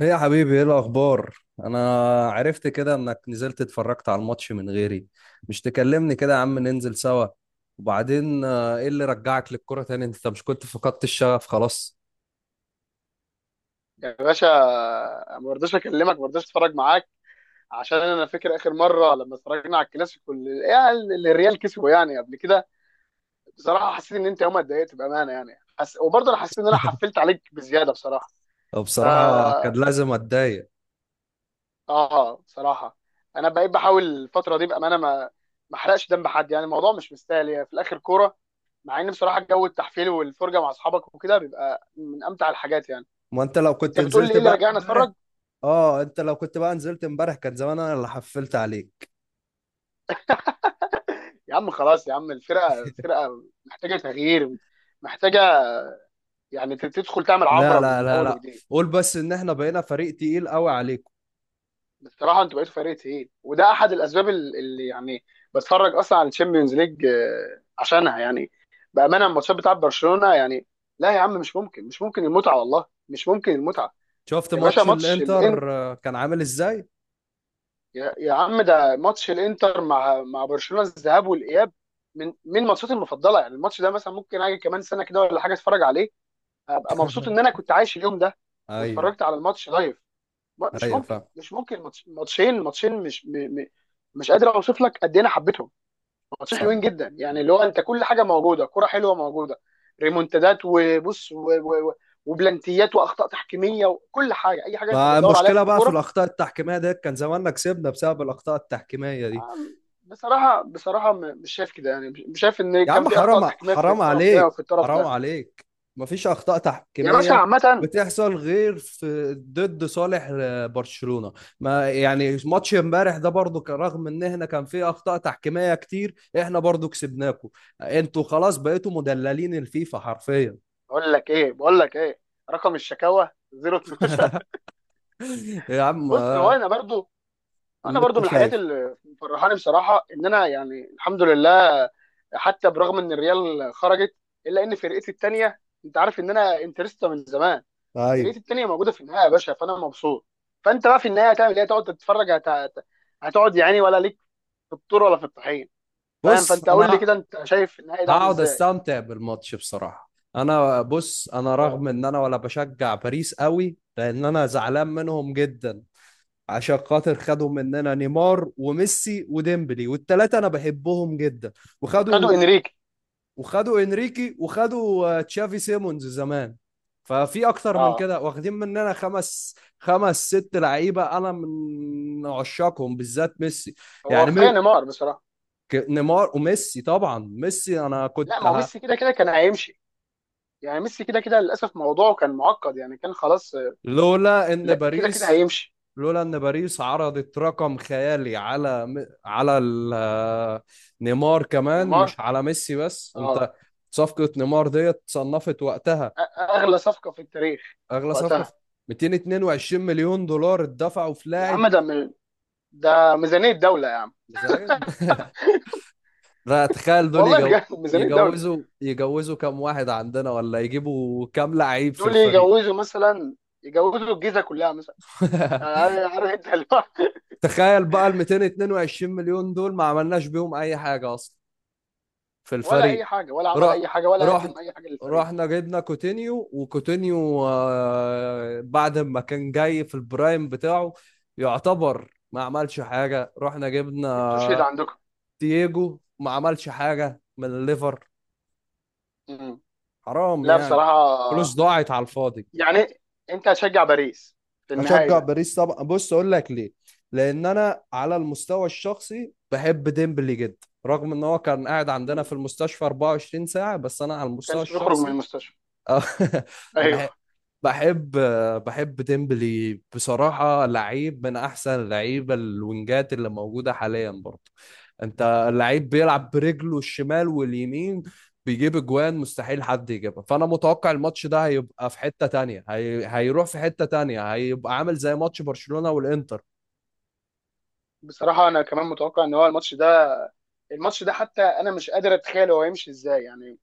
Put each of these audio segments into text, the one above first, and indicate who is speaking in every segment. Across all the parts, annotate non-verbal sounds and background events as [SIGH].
Speaker 1: ايه يا حبيبي، ايه الاخبار؟ انا عرفت كده انك نزلت اتفرجت على الماتش من غيري. مش تكلمني كده يا عم، ننزل سوا. وبعدين ايه اللي رجعك للكرة تاني؟ انت مش كنت فقدت الشغف خلاص؟
Speaker 2: يا باشا، ما برضاش اكلمك ما برضاش اتفرج معاك عشان انا فاكر اخر مره لما اتفرجنا على الكلاسيكو اللي الريال كسبه يعني قبل كده. بصراحه حسيت ان انت يومها اتضايقت بامانه، يعني وبرضه انا حسيت ان انا حفلت عليك بزياده بصراحه.
Speaker 1: أو
Speaker 2: ف
Speaker 1: بصراحة كان لازم اتضايق.
Speaker 2: اه بصراحه انا بقيت بحاول الفتره دي بامانه، ما احرقش دم حد، يعني الموضوع مش مستاهل، يعني في الاخر كوره. مع ان بصراحه جو التحفيل والفرجه مع اصحابك وكده بيبقى من امتع الحاجات يعني.
Speaker 1: ما انت لو
Speaker 2: انت
Speaker 1: كنت
Speaker 2: بتقول لي
Speaker 1: نزلت
Speaker 2: ايه اللي
Speaker 1: بقى
Speaker 2: رجعنا
Speaker 1: امبارح.
Speaker 2: اتفرج؟
Speaker 1: اه، انت لو كنت بقى نزلت امبارح كان زمان انا اللي حفلت عليك.
Speaker 2: يا عم خلاص يا عم، الفرقه محتاجه تغيير، محتاجه، يعني تدخل تعمل
Speaker 1: لا
Speaker 2: عمره
Speaker 1: لا
Speaker 2: من
Speaker 1: لا
Speaker 2: اول
Speaker 1: لا،
Speaker 2: وجديد.
Speaker 1: قول بس ان احنا بقينا فريق تقيل قوي عليكم.
Speaker 2: بصراحه انتوا بقيتوا فريق تقيل، وده احد الاسباب اللي يعني بتفرج اصلا على الشامبيونز ليج عشانها، يعني بامانه الماتشات بتاعت برشلونه. يعني لا يا عم، مش ممكن مش ممكن المتعه، والله مش ممكن المتعه.
Speaker 1: شفت
Speaker 2: يا باشا
Speaker 1: ماتش
Speaker 2: ماتش الان
Speaker 1: الانتر كان عامل ازاي؟
Speaker 2: يا عم، ده ماتش الانتر مع برشلونه، الذهاب والاياب، من ماتشاتي المفضله، يعني الماتش ده مثلا ممكن اجي كمان سنه كده ولا حاجه اتفرج عليه. هبقى مبسوط ان انا
Speaker 1: [LAUGHS]
Speaker 2: كنت عايش اليوم ده
Speaker 1: ايوه.
Speaker 2: واتفرجت على الماتش لايف. مش
Speaker 1: ايوه
Speaker 2: ممكن،
Speaker 1: فاهم.
Speaker 2: مش ممكن ماتشين، ماتشين مش م... م... مش قادر اوصف لك قد ايه انا حبيتهم. ماتشين
Speaker 1: صح.
Speaker 2: حلوين جدا، يعني اللي هو انت كل حاجه موجوده، كرة حلوه موجوده، ريمونتادات وبص و... و... و... وبلانتيات واخطاء تحكيميه وكل حاجه، اي حاجه انت
Speaker 1: ما
Speaker 2: بتدور عليها
Speaker 1: المشكلة
Speaker 2: في
Speaker 1: بقى في
Speaker 2: الكوره.
Speaker 1: الأخطاء التحكيمية ديت؟ كان زماننا كسبنا بسبب الأخطاء التحكيمية دي.
Speaker 2: آم، بصراحه بصراحه مش شايف كده، يعني مش شايف ان
Speaker 1: يا
Speaker 2: كان
Speaker 1: عم
Speaker 2: في اخطاء
Speaker 1: حرام،
Speaker 2: تحكيميه في
Speaker 1: حرام
Speaker 2: الطرف ده
Speaker 1: عليك،
Speaker 2: وفي الطرف
Speaker 1: حرام
Speaker 2: ده.
Speaker 1: عليك. مفيش أخطاء
Speaker 2: يا باشا
Speaker 1: تحكيمية
Speaker 2: عامه،
Speaker 1: بتحصل غير في ضد صالح برشلونة. ما يعني ماتش امبارح ده برضو كان رغم ان احنا كان فيه أخطاء تحكيمية كتير، احنا برضو كسبناكم. انتوا خلاص بقيتوا مدللين الفيفا حرفيا.
Speaker 2: اقول لك ايه بقول لك ايه؟ رقم الشكاوى 012.
Speaker 1: يا عم
Speaker 2: بص، هو انا برضو، انا
Speaker 1: اللي
Speaker 2: برضو
Speaker 1: انت
Speaker 2: من الحاجات
Speaker 1: شايفه.
Speaker 2: اللي مفرحاني بصراحه ان انا، يعني الحمد لله، حتى برغم ان الريال خرجت، الا ان فرقتي التانيه، انت عارف ان انا انترستا من زمان،
Speaker 1: طيب.
Speaker 2: فرقتي التانيه موجوده في النهائي يا باشا، فانا مبسوط. فانت بقى في النهائي هتعمل ايه؟ هتقعد تتفرج هتقعد يعني، ولا ليك في الطور ولا في الطحين؟ فاهم؟
Speaker 1: بص
Speaker 2: فانت قول لي
Speaker 1: انا
Speaker 2: كده، انت شايف النهائي ده عامل
Speaker 1: هقعد
Speaker 2: ازاي؟
Speaker 1: استمتع بالماتش بصراحة. انا بص، انا
Speaker 2: اه.
Speaker 1: رغم ان انا ولا بشجع باريس قوي لان انا زعلان منهم جدا. عشان خاطر خدوا مننا نيمار وميسي وديمبلي والتلاتة انا بحبهم جدا. وخدوا،
Speaker 2: وخدوا انريكي.
Speaker 1: وخدوا انريكي، وخدوا تشافي سيمونز زمان. ففي اكتر من
Speaker 2: اه،
Speaker 1: كده واخدين مننا خمس، خمس ست لعيبة انا من عشاقهم بالذات ميسي.
Speaker 2: هو
Speaker 1: يعني
Speaker 2: كفايه نيمار بصراحه.
Speaker 1: نيمار وميسي، طبعا ميسي انا
Speaker 2: لا،
Speaker 1: كنت
Speaker 2: ما هو ميسي كده كده كان هيمشي، يعني ميسي كده كده للاسف موضوعه كان معقد، يعني كان خلاص.
Speaker 1: لولا ان
Speaker 2: لا كده كده
Speaker 1: باريس،
Speaker 2: هيمشي.
Speaker 1: لولا ان باريس عرضت رقم خيالي على على نيمار كمان
Speaker 2: نيمار.
Speaker 1: مش على ميسي بس
Speaker 2: اه.
Speaker 1: انت. صفقة نيمار ديت صنفت وقتها
Speaker 2: اغلى صفقه في التاريخ
Speaker 1: اغلى صفقة في
Speaker 2: وقتها.
Speaker 1: 222 مليون دولار اتدفعوا في
Speaker 2: يا
Speaker 1: لاعب.
Speaker 2: عم ده ميزانيه دوله يا عم.
Speaker 1: ميزانية [LAUGHS] لا تخيل دول
Speaker 2: والله بجد [LAUGHS] ميزانيه دوله.
Speaker 1: يجوزوا، يجوزوا كام واحد عندنا، ولا يجيبوا كام لعيب في
Speaker 2: دول
Speaker 1: الفريق.
Speaker 2: يجوزوا مثلا، يجوزوا الجيزه كلها مثلا. يعني
Speaker 1: [LAUGHS]
Speaker 2: عارف، عارف انت اللي هو [LAUGHS]
Speaker 1: تخيل بقى ال 222 مليون دول ما عملناش بيهم اي حاجة اصلا في
Speaker 2: ولا اي
Speaker 1: الفريق.
Speaker 2: حاجه، ولا عمل
Speaker 1: رح
Speaker 2: اي حاجه، ولا
Speaker 1: رحنا،
Speaker 2: قدم اي حاجه للفريق.
Speaker 1: رحنا جبنا كوتينيو، وكوتينيو بعد ما كان جاي في البرايم بتاعه يعتبر ما عملش حاجة. رحنا
Speaker 2: استشهد
Speaker 1: جبنا
Speaker 2: عندكم.
Speaker 1: تييجو ما عملش حاجة من الليفر.
Speaker 2: مم.
Speaker 1: حرام
Speaker 2: لا
Speaker 1: يعني، فلوس
Speaker 2: بصراحه.
Speaker 1: ضاعت على الفاضي.
Speaker 2: يعني انت هتشجع باريس في النهائي
Speaker 1: اشجع
Speaker 2: ده؟
Speaker 1: باريس طبعا. بص اقول لك ليه. لان انا على المستوى الشخصي بحب ديمبلي جدا رغم ان هو كان قاعد عندنا في
Speaker 2: مم.
Speaker 1: المستشفى 24 ساعة، بس انا على المستوى
Speaker 2: كانش بيخرج من
Speaker 1: الشخصي
Speaker 2: المستشفى؟
Speaker 1: آه، [LAUGHS]
Speaker 2: ايوه.
Speaker 1: بح- بحب، بحب ديمبلي بصراحة. لعيب من أحسن اللعيبة الوينجات اللي موجودة حاليا برضه. أنت، اللعيب بيلعب برجله الشمال واليمين، بيجيب أجوان مستحيل حد يجيبها. فأنا متوقع الماتش ده هيبقى في حتة تانية، هيروح في حتة تانية، هيبقى ععامل زي ماتش برشلونة والإنتر.
Speaker 2: بصراحه انا كمان متوقع ان هو الماتش ده، الماتش ده، حتى انا مش قادر اتخيل هو هيمشي ازاي يعني.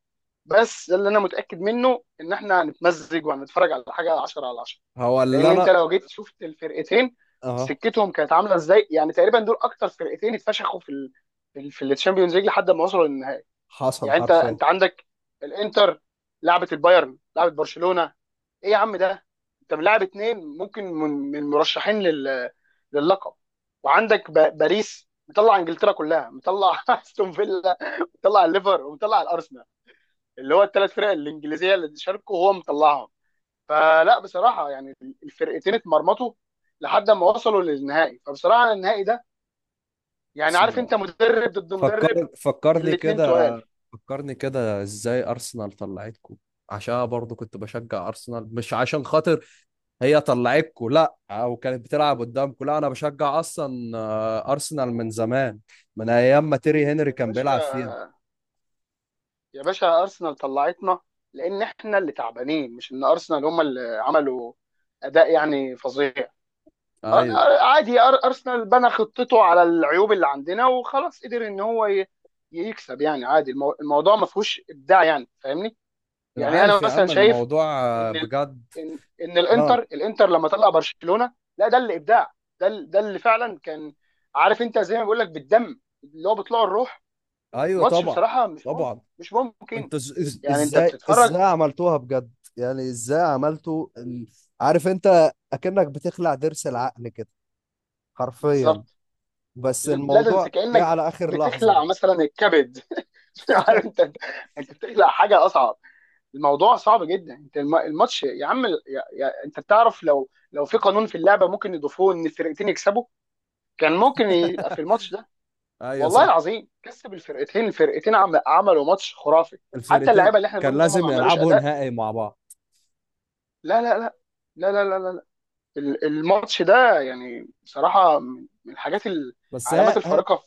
Speaker 2: بس ده اللي انا متاكد منه، ان احنا هنتمزج وهنتفرج على حاجه 10 على 10.
Speaker 1: هو اللي
Speaker 2: لان انت
Speaker 1: أنا،
Speaker 2: لو جيت شفت الفرقتين
Speaker 1: أه
Speaker 2: سكتهم كانت عامله ازاي، يعني تقريبا دول اكتر فرقتين اتفشخوا في الشامبيونز ليج لحد ما وصلوا للنهائي.
Speaker 1: حصل
Speaker 2: يعني انت
Speaker 1: حرفيا.
Speaker 2: انت عندك الانتر، لعبت البايرن، لعبت برشلونه. ايه يا عم ده، انت ملاعب اتنين ممكن من مرشحين لللقب. باريس مطلع انجلترا كلها، مطلع [LAUGHS] استون فيلا، مطلع الليفر، ومطلع الارسنال، اللي هو الثلاث فرق الانجليزيه اللي شاركوا هو مطلعهم. فلا بصراحه يعني الفرقتين اتمرمطوا لحد ما وصلوا للنهائي، فبصراحه النهائي ده، يعني عارف انت، مدرب ضد مدرب،
Speaker 1: فكرني
Speaker 2: الاتنين
Speaker 1: كده،
Speaker 2: تقال.
Speaker 1: فكرني كده ازاي ارسنال طلعتكم. عشان أنا برضو كنت بشجع ارسنال، مش عشان خاطر هي طلعتكم لا، او كانت بتلعب قدامكم لا، انا بشجع اصلا ارسنال من زمان، من ايام ما تيري هنري
Speaker 2: يا
Speaker 1: كان بيلعب فيها.
Speaker 2: باشا، يا باشا ارسنال طلعتنا لان احنا اللي تعبانين، مش ان ارسنال هم اللي عملوا اداء يعني فظيع.
Speaker 1: ايوه.
Speaker 2: عادي، ارسنال بنى خطته على العيوب اللي عندنا وخلاص، قدر ان هو يكسب. يعني عادي، الموضوع ما فيهوش ابداع يعني، فاهمني؟
Speaker 1: انا
Speaker 2: يعني
Speaker 1: عارف
Speaker 2: انا
Speaker 1: يا
Speaker 2: مثلا
Speaker 1: عم
Speaker 2: شايف
Speaker 1: الموضوع.
Speaker 2: ان ال-
Speaker 1: بجد.
Speaker 2: ان ان الانتر
Speaker 1: اه.
Speaker 2: الانتر لما طلع برشلونة، لا ده اللي ابداع. ده اللي فعلا كان، عارف انت زي ما بقول لك، بالدم اللي هو بيطلعوا الروح.
Speaker 1: ايوه
Speaker 2: ماتش
Speaker 1: طبعا.
Speaker 2: بصراحة مش ممكن،
Speaker 1: طبعا.
Speaker 2: مش ممكن.
Speaker 1: انتوا
Speaker 2: يعني انت
Speaker 1: ازاي،
Speaker 2: بتتفرج.
Speaker 1: ازاي عملتوها بجد؟ يعني ازاي عملتوا عارف انت اكنك بتخلع ضرس العقل كده حرفيا.
Speaker 2: بالظبط.
Speaker 1: بس
Speaker 2: لا ده انت
Speaker 1: الموضوع جه
Speaker 2: كانك
Speaker 1: على اخر لحظة
Speaker 2: بتخلع
Speaker 1: بقى.
Speaker 2: مثلا الكبد [LAUGHS] عارف انت، انت بتخلع حاجه اصعب، الموضوع صعب جدا. انت الماتش يا عم انت بتعرف، لو في قانون في اللعبه ممكن يضيفوه ان الفرقتين يكسبوا كان ممكن يبقى في
Speaker 1: [LAUGHS]
Speaker 2: الماتش ده.
Speaker 1: ايوه
Speaker 2: والله
Speaker 1: صح.
Speaker 2: العظيم كسب الفرقتين، عملوا ماتش خرافي، حتى
Speaker 1: الفرقتين
Speaker 2: اللعيبه اللي احنا
Speaker 1: كان
Speaker 2: بنقول ان هم ما
Speaker 1: لازم
Speaker 2: عملوش
Speaker 1: يلعبوا
Speaker 2: اداء.
Speaker 1: نهائي مع بعض.
Speaker 2: لا لا لا لا لا لا، لا. لا. الماتش ده، يعني بصراحه من الحاجات،
Speaker 1: بس هي،
Speaker 2: العلامات الفارقه.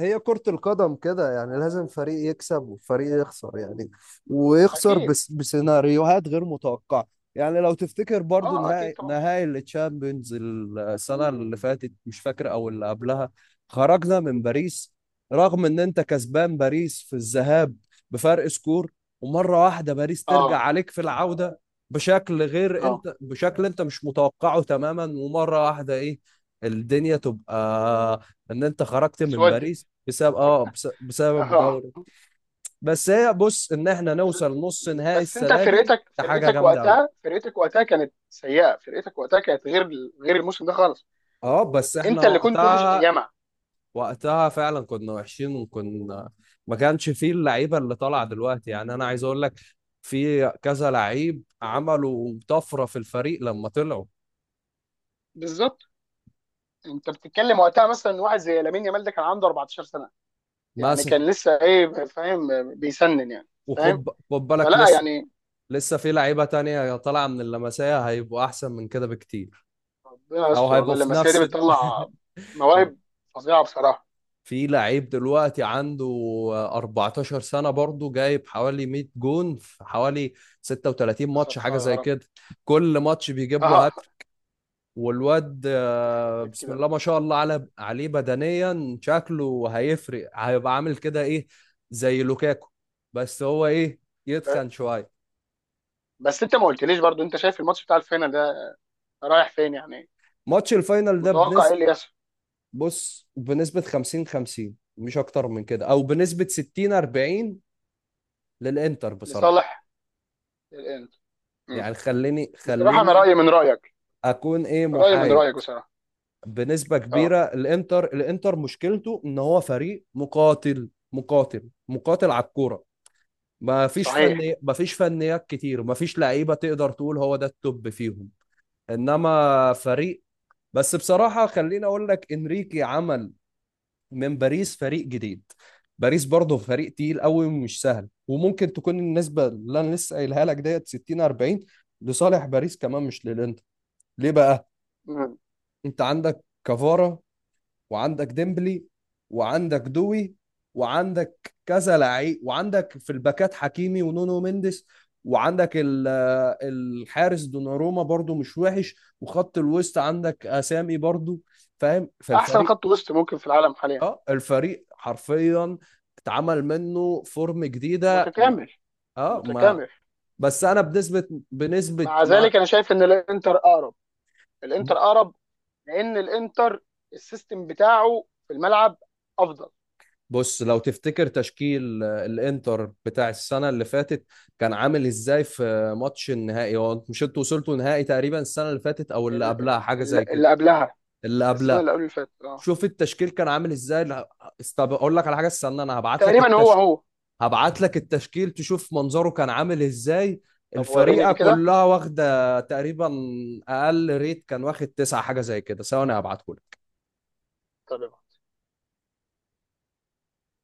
Speaker 1: هي كرة القدم كده يعني، لازم فريق يكسب وفريق يخسر يعني، ويخسر
Speaker 2: اكيد.
Speaker 1: بس بسيناريوهات غير متوقعة. يعني لو تفتكر برضو
Speaker 2: اه اكيد
Speaker 1: نهائي،
Speaker 2: طبعا.
Speaker 1: نهائي التشامبيونز السنة اللي فاتت، مش فاكر أو اللي قبلها، خرجنا من باريس رغم إن أنت كسبان باريس في الذهاب بفرق سكور، ومرة واحدة باريس ترجع
Speaker 2: اه.
Speaker 1: عليك في العودة بشكل غير
Speaker 2: اه.
Speaker 1: أنت، بشكل أنت مش متوقعه تماما، ومرة واحدة إيه الدنيا تبقى ان انت خرجت من
Speaker 2: اسودت.
Speaker 1: باريس بسبب اه بسبب
Speaker 2: اه.
Speaker 1: دوري. بس هي بص، ان احنا نوصل نص نهائي
Speaker 2: بس انت
Speaker 1: السنه دي
Speaker 2: فرقتك
Speaker 1: ده حاجه
Speaker 2: فرقتك
Speaker 1: جامده قوي.
Speaker 2: وقتها، فرقتك وقتها كانت سيئه، فرقتك وقتها كانت غير، غير الموسم ده خالص.
Speaker 1: اه بس احنا
Speaker 2: انت اللي كنت وحش
Speaker 1: وقتها،
Speaker 2: ايامها.
Speaker 1: وقتها فعلا كنا وحشين، وكنا ما كانش فيه اللعيبه اللي طالعه دلوقتي. يعني انا عايز اقول لك في كذا لعيب عملوا طفره في الفريق لما طلعوا.
Speaker 2: بالظبط. انت بتتكلم وقتها مثلا واحد زي لامين يامال، ده كان عنده 14 سنه، يعني
Speaker 1: مثلا
Speaker 2: كان لسه ايه، فاهم، بيسنن يعني. فاهم.
Speaker 1: وخد، خد بالك
Speaker 2: فلا
Speaker 1: لسه،
Speaker 2: يعني
Speaker 1: لسه في لعيبه تانية طالعه من اللمسيه هيبقوا احسن من كده بكتير،
Speaker 2: ربنا
Speaker 1: او
Speaker 2: يستر، والله
Speaker 1: هيبقوا في
Speaker 2: اللمسيه دي
Speaker 1: نفس
Speaker 2: بتطلع مواهب فظيعه بصراحه.
Speaker 1: في لعيب دلوقتي عنده 14 سنة برضه جايب حوالي 100 جون في حوالي 36
Speaker 2: يا
Speaker 1: ماتش حاجة
Speaker 2: ستار يا
Speaker 1: زي
Speaker 2: رب.
Speaker 1: كده. كل ماتش
Speaker 2: [LAUGHS]
Speaker 1: بيجيب له
Speaker 2: اه.
Speaker 1: هاتريك. والواد
Speaker 2: يخرب بيت
Speaker 1: بسم
Speaker 2: كده.
Speaker 1: الله ما شاء الله على عليه بدنيا شكله هيفرق، هيبقى عامل كده ايه، زي لوكاكو. بس هو ايه، يتخن شوية.
Speaker 2: بس انت ما قلتليش برضو، انت شايف الماتش بتاع الفينال ده رايح فين يعني؟
Speaker 1: ماتش الفاينل ده
Speaker 2: متوقع ايه
Speaker 1: بنسبة،
Speaker 2: اللي يحصل؟
Speaker 1: بص بنسبة 50 50 مش اكتر من كده، او بنسبة 60 40 للانتر بصراحة.
Speaker 2: لصالح الانتر. مم.
Speaker 1: يعني خليني،
Speaker 2: بصراحه انا
Speaker 1: خليني
Speaker 2: رايي من رايك،
Speaker 1: اكون ايه
Speaker 2: رايي من
Speaker 1: محايد.
Speaker 2: رايك بصراحه.
Speaker 1: بنسبه كبيره
Speaker 2: اه.
Speaker 1: الانتر، الانتر مشكلته ان هو فريق مقاتل، مقاتل مقاتل على الكوره. ما فيش
Speaker 2: صحيح.
Speaker 1: فني، ما فيش فنيات كتير، ما فيش لعيبه تقدر تقول هو ده التوب فيهم، انما فريق. بس بصراحه خليني اقول لك انريكي عمل من باريس فريق جديد. باريس برضه فريق تقيل قوي ومش سهل، وممكن تكون النسبه اللي انا لسه قايلها لك ديت 60 40 لصالح باريس كمان مش للانتر. ليه بقى؟
Speaker 2: مم.
Speaker 1: انت عندك كفارة، وعندك ديمبلي، وعندك دوي، وعندك كذا لعيب، وعندك في الباكات حكيمي ونونو مينديس، وعندك الحارس دوناروما برضو مش وحش، وخط الوسط عندك اسامي برضو فاهم.
Speaker 2: احسن
Speaker 1: فالفريق،
Speaker 2: خط وسط ممكن في العالم حاليا.
Speaker 1: اه الفريق حرفيا اتعمل منه فورم جديده
Speaker 2: متكامل.
Speaker 1: اه ما،
Speaker 2: متكامل.
Speaker 1: بس انا بنسبه، بنسبه
Speaker 2: مع
Speaker 1: ما.
Speaker 2: ذلك انا شايف ان الانتر اقرب، الانتر اقرب، لان الانتر السيستم بتاعه في الملعب افضل.
Speaker 1: بص لو تفتكر تشكيل الانتر بتاع السنة اللي فاتت كان عامل ازاي في ماتش النهائي، هو مش انتوا وصلتوا نهائي تقريبا السنة اللي فاتت او اللي قبلها حاجة زي كده؟
Speaker 2: اللي قبلها.
Speaker 1: اللي
Speaker 2: السنه
Speaker 1: قبلها.
Speaker 2: اللي قبل اللي فاتت، اه.
Speaker 1: شوف التشكيل كان عامل ازاي. لا، اقول لك على حاجة، استنى انا هبعت لك
Speaker 2: تقريبا هو
Speaker 1: التشكيل،
Speaker 2: هو.
Speaker 1: هبعت لك التشكيل تشوف منظره كان عامل ازاي.
Speaker 2: طب وريني
Speaker 1: الفريقة
Speaker 2: كده.
Speaker 1: كلها واخدة تقريبا اقل ريت كان واخد تسعة حاجة زي كده. ثواني هبعته.
Speaker 2: طب.